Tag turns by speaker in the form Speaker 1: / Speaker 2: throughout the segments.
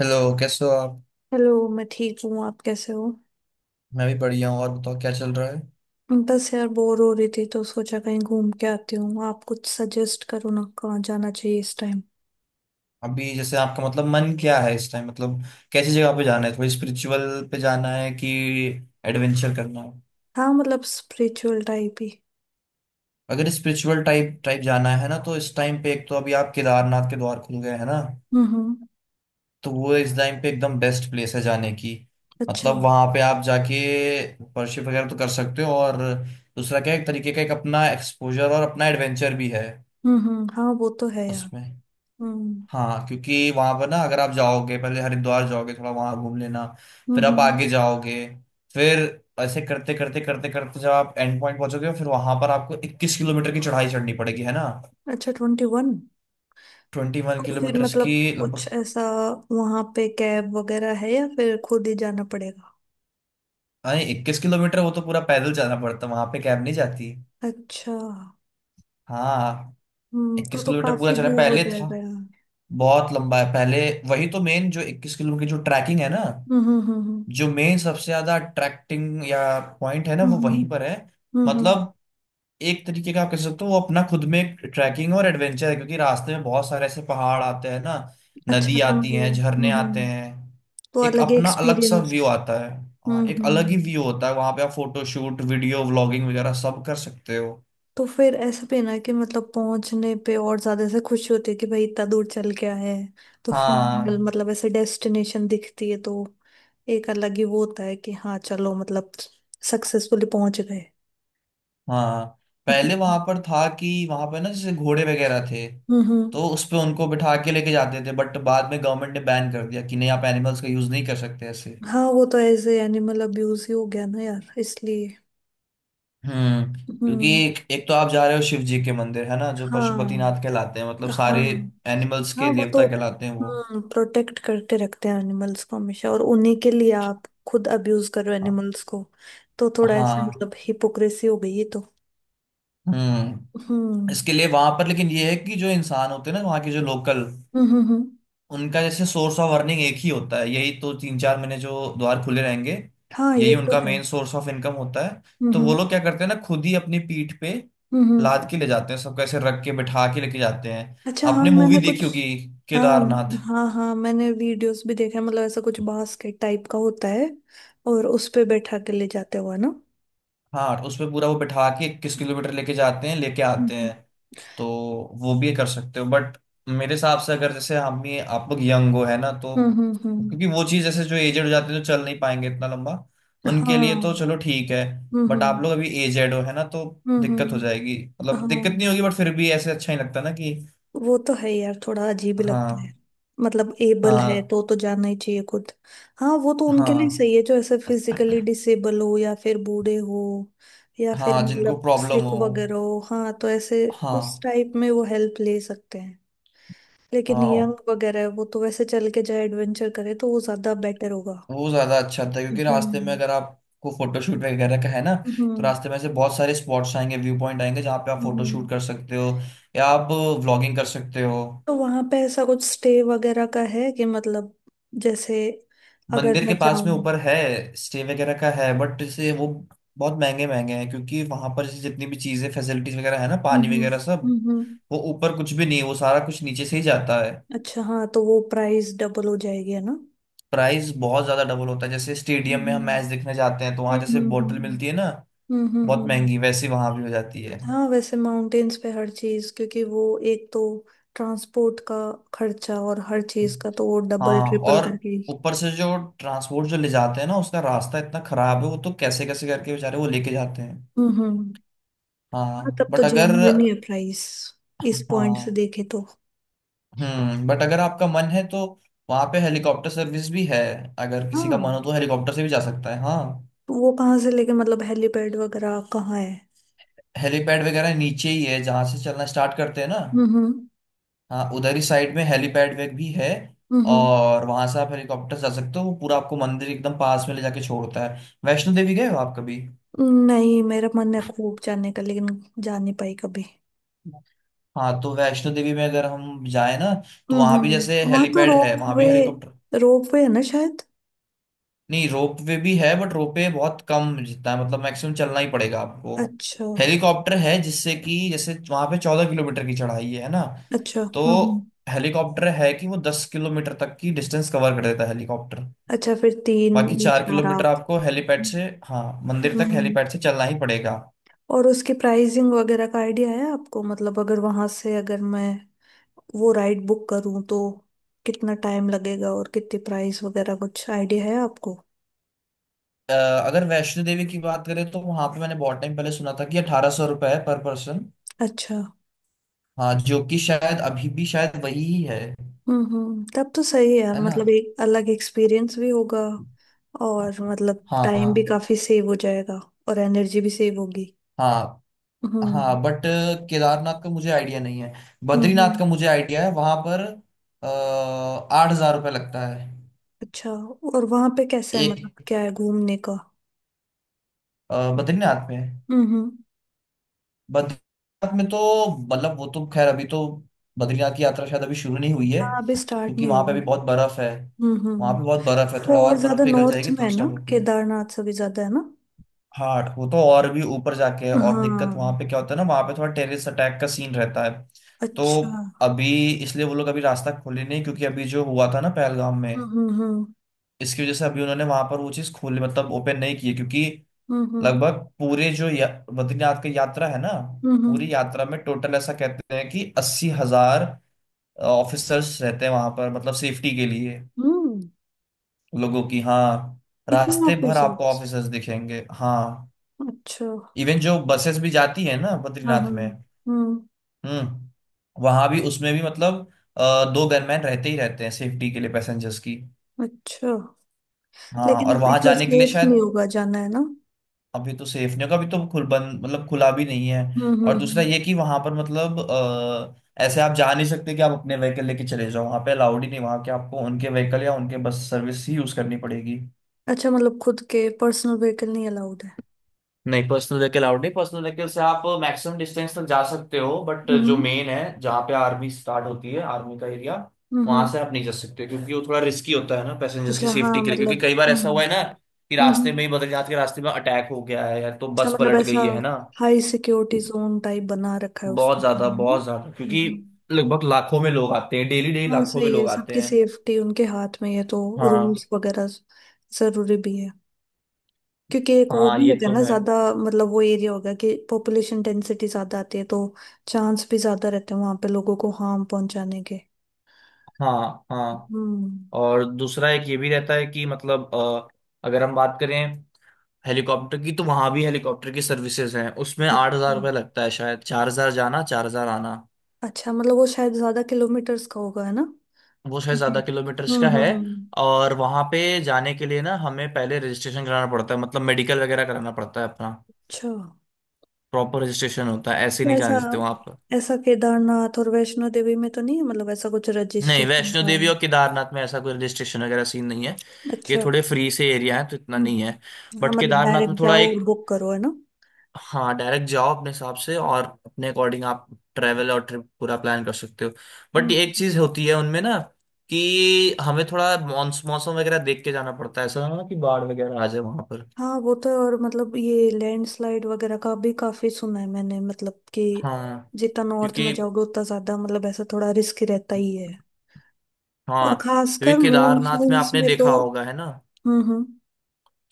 Speaker 1: Hello कैसे हो आप।
Speaker 2: हेलो। मैं ठीक हूँ। आप कैसे हो?
Speaker 1: मैं भी बढ़िया हूँ और बताओ क्या चल रहा है।
Speaker 2: बस यार, बोर हो रही थी तो सोचा कहीं घूम के आती हूँ। आप कुछ सजेस्ट करो ना, कहाँ जाना चाहिए इस टाइम।
Speaker 1: अभी जैसे आपका मतलब मन क्या है इस टाइम, मतलब कैसी जगह पे जाना है, थोड़ी स्पिरिचुअल पे जाना है कि एडवेंचर करना है।
Speaker 2: हाँ, मतलब स्पिरिचुअल टाइप ही।
Speaker 1: अगर स्पिरिचुअल टाइप टाइप जाना है ना, तो इस टाइम पे एक तो अभी आप केदारनाथ के द्वार खुल गए हैं ना।
Speaker 2: हम्म।
Speaker 1: तो वो इस टाइम पे एकदम बेस्ट प्लेस है जाने की।
Speaker 2: अच्छा।
Speaker 1: मतलब वहां पे आप जाके वर्शिप वगैरह तो कर सकते हो, और दूसरा क्या है, एक तरीके का एक अपना एक्सपोजर और अपना एडवेंचर भी है
Speaker 2: हम्म। हाँ वो तो है यार।
Speaker 1: उसमें।
Speaker 2: हम्म
Speaker 1: हाँ, क्योंकि वहां पर ना अगर आप जाओगे पहले हरिद्वार जाओगे, थोड़ा वहां घूम लेना, फिर आप
Speaker 2: हम्म।
Speaker 1: आगे जाओगे, फिर ऐसे करते करते जब आप एंड पॉइंट पहुंचोगे, फिर वहां पर आपको 21 किलोमीटर की चढ़ाई चढ़नी पड़ेगी है ना।
Speaker 2: अच्छा, 21।
Speaker 1: 21
Speaker 2: तो फिर
Speaker 1: किलोमीटर की
Speaker 2: मतलब कुछ
Speaker 1: लगभग।
Speaker 2: ऐसा, वहाँ पे कैब वगैरह है या फिर खुद ही जाना पड़ेगा?
Speaker 1: अरे, 21 किलोमीटर वो तो पूरा पैदल जाना पड़ता, वहां पे कैब नहीं जाती।
Speaker 2: अच्छा।
Speaker 1: हाँ।
Speaker 2: हम्म, तो
Speaker 1: 21
Speaker 2: तो
Speaker 1: किलोमीटर पूरा
Speaker 2: काफी
Speaker 1: चला
Speaker 2: दूर हो
Speaker 1: पहले था।
Speaker 2: जाएगा यार।
Speaker 1: बहुत लंबा है पहले। वही तो मेन, जो 21 किलोमीटर की जो ट्रैकिंग है ना,
Speaker 2: हम्म।
Speaker 1: जो मेन सबसे ज्यादा अट्रैक्टिंग या पॉइंट है ना
Speaker 2: हम्म
Speaker 1: वो
Speaker 2: हम्म
Speaker 1: वहीं पर है।
Speaker 2: हम्म।
Speaker 1: मतलब एक तरीके का आप कह सकते हो वो अपना खुद में एक ट्रैकिंग और एडवेंचर है, क्योंकि रास्ते में बहुत सारे ऐसे पहाड़ आते हैं ना,
Speaker 2: अच्छा,
Speaker 1: नदी
Speaker 2: तो
Speaker 1: आती है,
Speaker 2: मतलब।
Speaker 1: झरने आते
Speaker 2: हम्म।
Speaker 1: हैं,
Speaker 2: तो
Speaker 1: एक
Speaker 2: अलग
Speaker 1: अपना अलग सा
Speaker 2: एक्सपीरियंस।
Speaker 1: व्यू आता है। हाँ, एक अलग ही
Speaker 2: हम्म।
Speaker 1: व्यू होता है, वहां पे आप फोटो शूट वीडियो व्लॉगिंग वगैरह सब कर सकते हो।
Speaker 2: तो फिर ऐसा भी है ना कि मतलब पहुंचने पे और ज्यादा से खुशी होती है कि भाई इतना दूर चल के आए हैं। तो फाइनल
Speaker 1: हाँ,
Speaker 2: मतलब ऐसे डेस्टिनेशन दिखती है तो। एक अलग ही वो होता है कि हाँ चलो मतलब, सक्सेसफुली पहुंच गए।
Speaker 1: हाँ। पहले वहां
Speaker 2: हम्म
Speaker 1: पर था कि वहां पर ना जैसे घोड़े वगैरह थे,
Speaker 2: हम्म।
Speaker 1: तो उस पे उनको बिठा के लेके जाते थे, बट बाद में गवर्नमेंट ने बैन कर दिया कि नहीं आप एनिमल्स का यूज नहीं कर सकते ऐसे।
Speaker 2: हाँ वो तो ऐसे एनिमल अब्यूज ही हो गया ना यार, इसलिए।
Speaker 1: हम्म। क्योंकि
Speaker 2: हम्म।
Speaker 1: एक तो आप जा रहे हो शिव जी के मंदिर है ना, जो
Speaker 2: हाँ
Speaker 1: पशुपतिनाथ कहलाते हैं, मतलब
Speaker 2: हाँ।
Speaker 1: सारे एनिमल्स के
Speaker 2: हाँ वो
Speaker 1: देवता
Speaker 2: तो।
Speaker 1: कहलाते हैं वो।
Speaker 2: हम्म, प्रोटेक्ट करके रखते हैं एनिमल्स को हमेशा, और उन्हीं के लिए आप खुद अब्यूज कर रहे हो
Speaker 1: हाँ,
Speaker 2: एनिमल्स को। तो थोड़ा ऐसे
Speaker 1: हाँ।
Speaker 2: मतलब हिपोक्रेसी हो गई ये तो।
Speaker 1: हम्म।
Speaker 2: हम्म
Speaker 1: इसके लिए वहां पर, लेकिन ये है कि जो इंसान होते हैं ना वहाँ के जो लोकल,
Speaker 2: हम्म हम्म हम्म।
Speaker 1: उनका जैसे सोर्स ऑफ अर्निंग एक ही होता है, यही तो तीन चार महीने जो द्वार खुले रहेंगे,
Speaker 2: हाँ ये
Speaker 1: यही
Speaker 2: तो
Speaker 1: उनका
Speaker 2: है।
Speaker 1: मेन सोर्स ऑफ इनकम होता है।
Speaker 2: हम्म
Speaker 1: तो वो
Speaker 2: हम्म
Speaker 1: लोग क्या करते हैं ना, खुद ही अपनी पीठ पे
Speaker 2: हम्म।
Speaker 1: लाद के ले जाते हैं सबको, ऐसे रख के बिठा के लेके जाते हैं।
Speaker 2: अच्छा, हाँ
Speaker 1: आपने मूवी
Speaker 2: मैंने कुछ।
Speaker 1: देखी होगी,
Speaker 2: हाँ
Speaker 1: केदारनाथ।
Speaker 2: हाँ। हाँ मैंने वीडियोस भी देखा है, मतलब ऐसा कुछ बास्केट टाइप का होता है। और उस पे बैठा के ले जाते हुआ ना?
Speaker 1: हाँ। उसमें पूरा वो बिठा के 21 किलोमीटर लेके जाते हैं, लेके आते
Speaker 2: हम्म
Speaker 1: हैं। तो वो भी कर सकते हो, बट मेरे हिसाब से अगर जैसे हम ही आप लोग यंग हो है ना तो।
Speaker 2: हम्म। हम्म।
Speaker 1: क्योंकि वो चीज़ जैसे जो एजेड हो जाते हैं, जो चल नहीं पाएंगे इतना लंबा, उनके लिए
Speaker 2: हाँ।
Speaker 1: तो चलो ठीक है। बट आप
Speaker 2: हम्म।
Speaker 1: लोग अभी एजेड हो है ना, तो दिक्कत हो
Speaker 2: हम्म।
Speaker 1: जाएगी। मतलब दिक्कत
Speaker 2: हाँ
Speaker 1: नहीं होगी, बट फिर भी ऐसे अच्छा नहीं लगता ना कि।
Speaker 2: वो तो है यार, थोड़ा अजीब ही लगता है।
Speaker 1: हाँ,
Speaker 2: मतलब एबल है
Speaker 1: हाँ,
Speaker 2: तो जाना ही चाहिए खुद। हाँ वो तो उनके लिए
Speaker 1: हाँ,
Speaker 2: सही है, जो ऐसे फिजिकली डिसेबल हो या फिर बूढ़े हो। या फिर
Speaker 1: हाँ, जिनको
Speaker 2: मतलब
Speaker 1: प्रॉब्लम
Speaker 2: सिक
Speaker 1: हो।
Speaker 2: वगैरह हो, हाँ तो ऐसे। उस
Speaker 1: हाँ
Speaker 2: टाइप में वो हेल्प ले सकते हैं। लेकिन यंग
Speaker 1: हाँ।
Speaker 2: वगैरह है, वो तो वैसे चल के जाए, एडवेंचर करे तो वो ज्यादा बेटर होगा।
Speaker 1: वो ज्यादा अच्छा था, क्योंकि रास्ते में
Speaker 2: हम्म
Speaker 1: अगर आपको फोटोशूट वगैरह का है ना, तो
Speaker 2: हम्म
Speaker 1: रास्ते में से बहुत सारे स्पॉट्स आएंगे, व्यू पॉइंट आएंगे, जहाँ पे आप फोटोशूट
Speaker 2: हम्म।
Speaker 1: कर सकते हो या आप व्लॉगिंग कर सकते हो।
Speaker 2: तो वहां पे ऐसा कुछ स्टे वगैरह का है कि मतलब, जैसे, अगर
Speaker 1: मंदिर के
Speaker 2: मैं
Speaker 1: पास
Speaker 2: जाऊं।
Speaker 1: में ऊपर है, स्टे वगैरह का है, बट जैसे वो बहुत महंगे महंगे हैं, क्योंकि वहां पर जैसे जितनी भी चीजें फैसिलिटीज वगैरह है ना, पानी वगैरह सब,
Speaker 2: हम्म।
Speaker 1: वो ऊपर कुछ भी नहीं है, वो सारा कुछ नीचे से ही जाता है।
Speaker 2: अच्छा, हाँ तो वो प्राइस डबल हो जाएगी है ना?
Speaker 1: प्राइस बहुत ज्यादा डबल होता है, जैसे स्टेडियम में हम मैच
Speaker 2: हम्म
Speaker 1: देखने जाते हैं तो वहां
Speaker 2: हम्म
Speaker 1: जैसे
Speaker 2: हम्म
Speaker 1: बोतल मिलती है ना,
Speaker 2: हम्म हम्म
Speaker 1: बहुत
Speaker 2: हम्म।
Speaker 1: महंगी, वैसी वहां भी हो जाती
Speaker 2: हाँ, वैसे माउंटेन्स पे हर चीज क्योंकि वो एक तो ट्रांसपोर्ट का खर्चा और हर
Speaker 1: है।
Speaker 2: चीज का, तो वो डबल
Speaker 1: हाँ।
Speaker 2: ट्रिपल
Speaker 1: और
Speaker 2: करके ही।
Speaker 1: ऊपर से जो ट्रांसपोर्ट जो ले जाते हैं ना, उसका रास्ता इतना खराब है, वो तो कैसे कैसे करके बेचारे वो लेके जाते हैं।
Speaker 2: हम्म। हाँ,
Speaker 1: हाँ
Speaker 2: तब तो
Speaker 1: बट अगर
Speaker 2: जेन्युइन ही है प्राइस, इस पॉइंट से
Speaker 1: हाँ।
Speaker 2: देखे तो।
Speaker 1: बट अगर आपका मन है तो वहाँ पे हेलीकॉप्टर सर्विस भी है। अगर किसी का
Speaker 2: हाँ,
Speaker 1: मन हो तो हेलीकॉप्टर से भी जा सकता है। हाँ।
Speaker 2: तो वो कहाँ से लेके मतलब, हेलीपैड वगैरह कहाँ है?
Speaker 1: हेलीपैड वगैरह नीचे ही है, जहाँ से चलना स्टार्ट करते हैं ना।
Speaker 2: हम्म।
Speaker 1: हाँ, उधर ही साइड में हेलीपैड वेग भी है,
Speaker 2: हम्म।
Speaker 1: और वहाँ से आप हेलीकॉप्टर जा सकते हो, वो पूरा आपको मंदिर एकदम पास में ले जाके छोड़ता है। वैष्णो देवी गए हो आप कभी?
Speaker 2: हम्म। नहीं, मेरा मन है खूब जाने का लेकिन जा नहीं पाई कभी।
Speaker 1: हाँ, तो वैष्णो देवी में अगर हम जाए ना, तो वहां भी जैसे
Speaker 2: हम्म। वहां तो
Speaker 1: हेलीपैड है, वहां
Speaker 2: रोपवे
Speaker 1: भी हेलीकॉप्टर।
Speaker 2: रोपवे है ना शायद?
Speaker 1: नहीं, रोप वे भी है बट रोप वे बहुत कम जितना है, मतलब मैक्सिमम चलना ही पड़ेगा आपको।
Speaker 2: अच्छा।
Speaker 1: हेलीकॉप्टर है, जिससे कि जैसे वहां पे 14 किलोमीटर की चढ़ाई है ना।
Speaker 2: अच्छा।
Speaker 1: तो हेलीकॉप्टर है कि वो 10 किलोमीटर तक की डिस्टेंस कवर कर देता है हेलीकॉप्टर।
Speaker 2: अच्छा, फिर तीन
Speaker 1: बाकी
Speaker 2: या
Speaker 1: चार
Speaker 2: चार
Speaker 1: किलोमीटर
Speaker 2: आप।
Speaker 1: आपको हेलीपैड
Speaker 2: हम्म
Speaker 1: से, हाँ, मंदिर तक
Speaker 2: हम्म।
Speaker 1: हेलीपैड से चलना ही पड़ेगा।
Speaker 2: और उसकी प्राइसिंग वगैरह का आइडिया है आपको? मतलब, अगर वहां से, अगर मैं वो राइड बुक करूं तो कितना टाइम लगेगा और कितनी प्राइस वगैरह, कुछ आइडिया है आपको?
Speaker 1: अ, अगर वैष्णो देवी की बात करें तो वहां पे मैंने बहुत टाइम पहले सुना था कि 1800 रुपये है पर पर्सन।
Speaker 2: अच्छा।
Speaker 1: हाँ, जो कि शायद अभी भी शायद वही ही है।
Speaker 2: हम्म, तब तो सही है यार,
Speaker 1: है ना।
Speaker 2: मतलब एक अलग एक्सपीरियंस भी होगा। और मतलब टाइम भी
Speaker 1: हाँ,
Speaker 2: काफी सेव हो जाएगा। और एनर्जी भी सेव होगी।
Speaker 1: हाँ,
Speaker 2: हम्म
Speaker 1: हाँ, बट केदारनाथ का मुझे आइडिया नहीं है।
Speaker 2: हम्म।
Speaker 1: बद्रीनाथ
Speaker 2: हम्म।
Speaker 1: का मुझे आइडिया है, वहां पर 8000 रुपये लगता है।
Speaker 2: अच्छा। और वहां पे कैसा है, मतलब
Speaker 1: एक
Speaker 2: क्या है घूमने का?
Speaker 1: बद्रीनाथ में,
Speaker 2: हम्म।
Speaker 1: बद्रीनाथ में तो मतलब वो तो खैर अभी तो बद्रीनाथ की यात्रा शायद अभी शुरू नहीं हुई है।
Speaker 2: हाँ, अभी स्टार्ट
Speaker 1: क्योंकि
Speaker 2: नहीं
Speaker 1: वहां पे
Speaker 2: हुई
Speaker 1: अभी
Speaker 2: है।
Speaker 1: बहुत बर्फ है,
Speaker 2: हम्म हम्म
Speaker 1: वहां
Speaker 2: हम्म।
Speaker 1: पे बहुत बर्फ है। थोड़ा
Speaker 2: वो और
Speaker 1: और बर्फ
Speaker 2: ज्यादा
Speaker 1: पिघल
Speaker 2: नॉर्थ
Speaker 1: जाएगी
Speaker 2: में
Speaker 1: तब
Speaker 2: है
Speaker 1: स्टार्ट
Speaker 2: ना,
Speaker 1: होगी।
Speaker 2: केदारनाथ से भी ज्यादा है ना?
Speaker 1: हाँ, वो तो और भी ऊपर जाके है। और दिक्कत वहां
Speaker 2: हाँ।
Speaker 1: पे क्या होता है ना, वहां पे थोड़ा टेररिस्ट अटैक का सीन रहता है, तो
Speaker 2: अच्छा।
Speaker 1: अभी। इसलिए वो लोग अभी रास्ता खोले नहीं, क्योंकि अभी जो हुआ था ना पहलगाम में,
Speaker 2: हम्म हम्म
Speaker 1: इसकी वजह से अभी उन्होंने वहां पर वो चीज खोली, मतलब ओपन नहीं की है, क्योंकि
Speaker 2: हम्म हम्म
Speaker 1: लगभग पूरे जो बद्रीनाथ की यात्रा है ना,
Speaker 2: हम्म हम्म
Speaker 1: पूरी यात्रा में टोटल ऐसा कहते हैं कि 80,000 ऑफिसर्स रहते हैं वहां पर, मतलब सेफ्टी के लिए
Speaker 2: हम्म।
Speaker 1: लोगों की। हाँ।
Speaker 2: इतने
Speaker 1: रास्ते भर आपको
Speaker 2: ऑफिसर्स?
Speaker 1: ऑफिसर्स दिखेंगे। हाँ।
Speaker 2: अच्छा।
Speaker 1: इवन जो बसेस भी जाती है ना
Speaker 2: हाँ हाँ।
Speaker 1: बद्रीनाथ में,
Speaker 2: हम्म।
Speaker 1: हम्म वहां भी उसमें भी मतलब दो गनमैन रहते ही रहते हैं, सेफ्टी के लिए पैसेंजर्स की।
Speaker 2: अच्छा।
Speaker 1: हाँ,
Speaker 2: लेकिन
Speaker 1: और
Speaker 2: अभी
Speaker 1: वहां
Speaker 2: तो
Speaker 1: जाने के लिए
Speaker 2: सेफ नहीं
Speaker 1: शायद
Speaker 2: होगा जाना, है ना?
Speaker 1: अभी तो सेफ्टियों का भी तो खुल बंद, मतलब खुला भी नहीं है।
Speaker 2: हम्म
Speaker 1: और
Speaker 2: हम्म
Speaker 1: दूसरा
Speaker 2: हम्म।
Speaker 1: ये कि वहां पर मतलब ऐसे आप जा नहीं सकते कि आप अपने व्हीकल लेके चले जाओ, वहां पे अलाउड ही नहीं, वहां के आपको उनके व्हीकल या उनके बस सर्विस ही यूज करनी पड़ेगी।
Speaker 2: अच्छा, मतलब खुद के पर्सनल व्हीकल नहीं अलाउड है?
Speaker 1: नहीं, पर्सनल व्हीकल आउट नहीं, पर्सनल व्हीकल से आप मैक्सिमम डिस्टेंस तक जा सकते हो, बट
Speaker 2: हम्म
Speaker 1: जो मेन है जहाँ पे आर्मी स्टार्ट होती है, आर्मी का एरिया, वहां
Speaker 2: हम्म।
Speaker 1: से आप नहीं जा सकते, क्योंकि वो थोड़ा रिस्की होता है ना पैसेंजर्स की
Speaker 2: अच्छा, हाँ
Speaker 1: सेफ्टी के लिए। क्योंकि
Speaker 2: मतलब।
Speaker 1: कई बार ऐसा हुआ है ना कि
Speaker 2: हम्म।
Speaker 1: रास्ते में
Speaker 2: हम्म।
Speaker 1: ही बदल जाते, के रास्ते में अटैक हो गया है या तो
Speaker 2: अच्छा,
Speaker 1: बस
Speaker 2: मतलब
Speaker 1: पलट
Speaker 2: ऐसा
Speaker 1: गई है ना।
Speaker 2: हाई सिक्योरिटी जोन टाइप बना रखा है
Speaker 1: बहुत
Speaker 2: उसने।
Speaker 1: ज्यादा
Speaker 2: हम्म।
Speaker 1: बहुत ज्यादा, क्योंकि
Speaker 2: हम्म।
Speaker 1: लगभग लाखों में लोग आते हैं डेली, डेली
Speaker 2: हाँ,
Speaker 1: लाखों में
Speaker 2: सही है,
Speaker 1: लोग आते
Speaker 2: सबकी
Speaker 1: हैं।
Speaker 2: सेफ्टी उनके हाथ में है तो
Speaker 1: हाँ,
Speaker 2: रूल्स वगैरह जरूरी भी है। क्योंकि एक वो
Speaker 1: हाँ
Speaker 2: भी
Speaker 1: ये
Speaker 2: होगा
Speaker 1: तो
Speaker 2: ना
Speaker 1: है।
Speaker 2: ज्यादा, मतलब वो एरिया होगा कि पॉपुलेशन डेंसिटी ज्यादा आती है, तो चांस भी ज्यादा रहते हैं वहां पे लोगों को हार्म पहुंचाने के।
Speaker 1: हाँ, हाँ,
Speaker 2: हम्म।
Speaker 1: और दूसरा एक ये भी रहता है कि मतलब अगर हम बात करें हेलीकॉप्टर की, तो वहां भी हेलीकॉप्टर की सर्विसेज हैं, उसमें आठ
Speaker 2: अच्छा।
Speaker 1: हजार रुपये लगता है, शायद 4000 जाना 4000 आना।
Speaker 2: अच्छा, मतलब वो शायद ज्यादा किलोमीटर्स का होगा है ना,
Speaker 1: वो शायद
Speaker 2: क्योंकि।
Speaker 1: ज्यादा किलोमीटर्स का है।
Speaker 2: हम्म।
Speaker 1: और वहां पे जाने के लिए ना हमें पहले रजिस्ट्रेशन कराना पड़ता है, मतलब मेडिकल वगैरह कराना पड़ता है अपना,
Speaker 2: अच्छा,
Speaker 1: प्रॉपर रजिस्ट्रेशन होता है, ऐसे ही नहीं
Speaker 2: ऐसा?
Speaker 1: जाने देते वहां पर।
Speaker 2: ऐसा केदारनाथ और वैष्णो देवी में तो नहीं है, मतलब ऐसा कुछ
Speaker 1: नहीं,
Speaker 2: रजिस्ट्रेशन
Speaker 1: वैष्णो
Speaker 2: का?
Speaker 1: देवी और केदारनाथ में ऐसा कोई रजिस्ट्रेशन वगैरह सीन नहीं है। ये
Speaker 2: अच्छा।
Speaker 1: थोड़े फ्री से एरिया है तो इतना नहीं है।
Speaker 2: हम्म, हाँ
Speaker 1: बट
Speaker 2: मतलब
Speaker 1: केदारनाथ में
Speaker 2: डायरेक्ट
Speaker 1: थोड़ा
Speaker 2: जाओ
Speaker 1: एक।
Speaker 2: और बुक करो है ना?
Speaker 1: हाँ, डायरेक्ट जाओ अपने हिसाब से और अपने अकॉर्डिंग आप ट्रैवल और ट्रिप पूरा प्लान कर सकते हो। बट एक
Speaker 2: हम्म।
Speaker 1: चीज होती है उनमें ना, कि हमें थोड़ा मौसम वगैरह देख के जाना पड़ता है, ऐसा ना हो कि बाढ़ वगैरह आ जाए वहां पर।
Speaker 2: हाँ वो तो है, और मतलब ये लैंडस्लाइड वगैरह का भी काफी सुना है मैंने, मतलब कि
Speaker 1: हाँ,
Speaker 2: जितना नॉर्थ में
Speaker 1: क्योंकि
Speaker 2: जाओगे उतना ज्यादा, मतलब ऐसा थोड़ा रिस्क रहता ही है। और
Speaker 1: हाँ, क्योंकि
Speaker 2: खासकर
Speaker 1: केदारनाथ में
Speaker 2: मॉनसून्स
Speaker 1: आपने
Speaker 2: में तो।
Speaker 1: देखा होगा है ना,
Speaker 2: हम्म।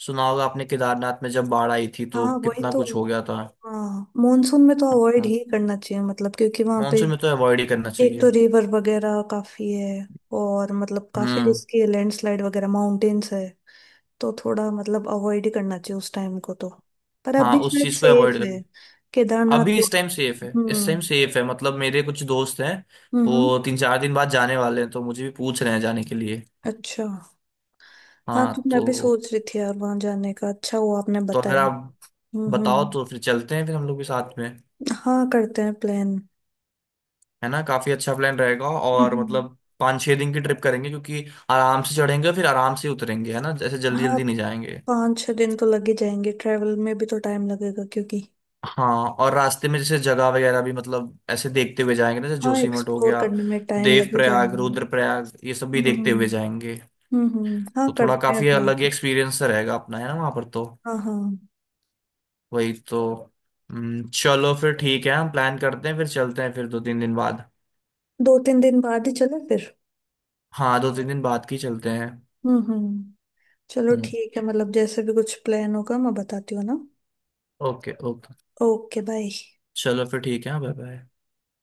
Speaker 1: सुना होगा आपने केदारनाथ में जब बाढ़ आई थी तो
Speaker 2: हाँ वही
Speaker 1: कितना
Speaker 2: तो।
Speaker 1: कुछ हो गया था।
Speaker 2: हाँ, मॉनसून में तो अवॉइड
Speaker 1: हाँ।
Speaker 2: ही करना चाहिए मतलब, क्योंकि वहां पे
Speaker 1: मानसून में तो अवॉइड ही करना
Speaker 2: एक
Speaker 1: चाहिए।
Speaker 2: तो रिवर वगैरह काफी है। और मतलब काफी
Speaker 1: हम्म।
Speaker 2: रिस्की है, लैंडस्लाइड वगैरह, माउंटेन्स है। तो थोड़ा मतलब अवॉइड ही करना चाहिए उस टाइम को तो। पर
Speaker 1: हाँ,
Speaker 2: अभी
Speaker 1: उस
Speaker 2: शायद
Speaker 1: चीज को अवॉइड
Speaker 2: सेफ है
Speaker 1: करना।
Speaker 2: केदारनाथ
Speaker 1: अभी
Speaker 2: वो।
Speaker 1: इस टाइम सेफ है, इस टाइम
Speaker 2: हम्म
Speaker 1: सेफ है, मतलब मेरे कुछ दोस्त हैं,
Speaker 2: हम्म।
Speaker 1: वो तीन चार दिन बाद जाने वाले हैं, तो मुझे भी पूछ रहे हैं जाने के लिए।
Speaker 2: अच्छा, हाँ तो
Speaker 1: हाँ।
Speaker 2: मैं भी
Speaker 1: तो
Speaker 2: सोच रही थी यार वहां जाने का, अच्छा हुआ आपने
Speaker 1: तो अगर
Speaker 2: बताया।
Speaker 1: आप बताओ
Speaker 2: हम्म।
Speaker 1: तो फिर चलते हैं, फिर हम लोग भी साथ में।
Speaker 2: हाँ, करते हैं प्लान।
Speaker 1: है ना, काफी अच्छा प्लान रहेगा, और
Speaker 2: हम्म। हम्म।
Speaker 1: मतलब पाँच छः दिन की ट्रिप करेंगे, क्योंकि आराम से चढ़ेंगे फिर आराम से उतरेंगे है ना, जैसे जल्दी
Speaker 2: हाँ,
Speaker 1: जल्दी नहीं जाएंगे।
Speaker 2: 5-6 दिन तो लग ही जाएंगे, ट्रैवल में भी तो टाइम लगेगा क्योंकि।
Speaker 1: हाँ, और रास्ते में जैसे जगह वगैरह भी मतलब ऐसे देखते हुए जाएंगे ना, जैसे
Speaker 2: हाँ,
Speaker 1: जोशीमठ हो
Speaker 2: एक्सप्लोर
Speaker 1: गया,
Speaker 2: करने में टाइम लग ही
Speaker 1: देवप्रयाग,
Speaker 2: जाएगा।
Speaker 1: रुद्रप्रयाग, ये सब भी
Speaker 2: हम्म
Speaker 1: देखते हुए
Speaker 2: हम्म।
Speaker 1: जाएंगे।
Speaker 2: हम्म। हाँ,
Speaker 1: तो थोड़ा
Speaker 2: करते
Speaker 1: काफी
Speaker 2: हैं प्लान।
Speaker 1: अलग ही एक्सपीरियंस रहेगा अपना है ना वहां पर तो।
Speaker 2: हाँ। हाँ,
Speaker 1: वही तो। चलो फिर ठीक है, हम प्लान करते हैं, फिर चलते हैं फिर दो तीन दिन बाद।
Speaker 2: 2-3 दिन बाद ही चले फिर।
Speaker 1: हाँ, दो तीन दिन बाद की चलते हैं।
Speaker 2: हम्म। चलो,
Speaker 1: हम्म।
Speaker 2: ठीक है, मतलब जैसे भी कुछ प्लान होगा मैं बताती हूँ ना।
Speaker 1: Okay, okay.
Speaker 2: Okay, bye.
Speaker 1: चलो फिर ठीक है, बाय बाय।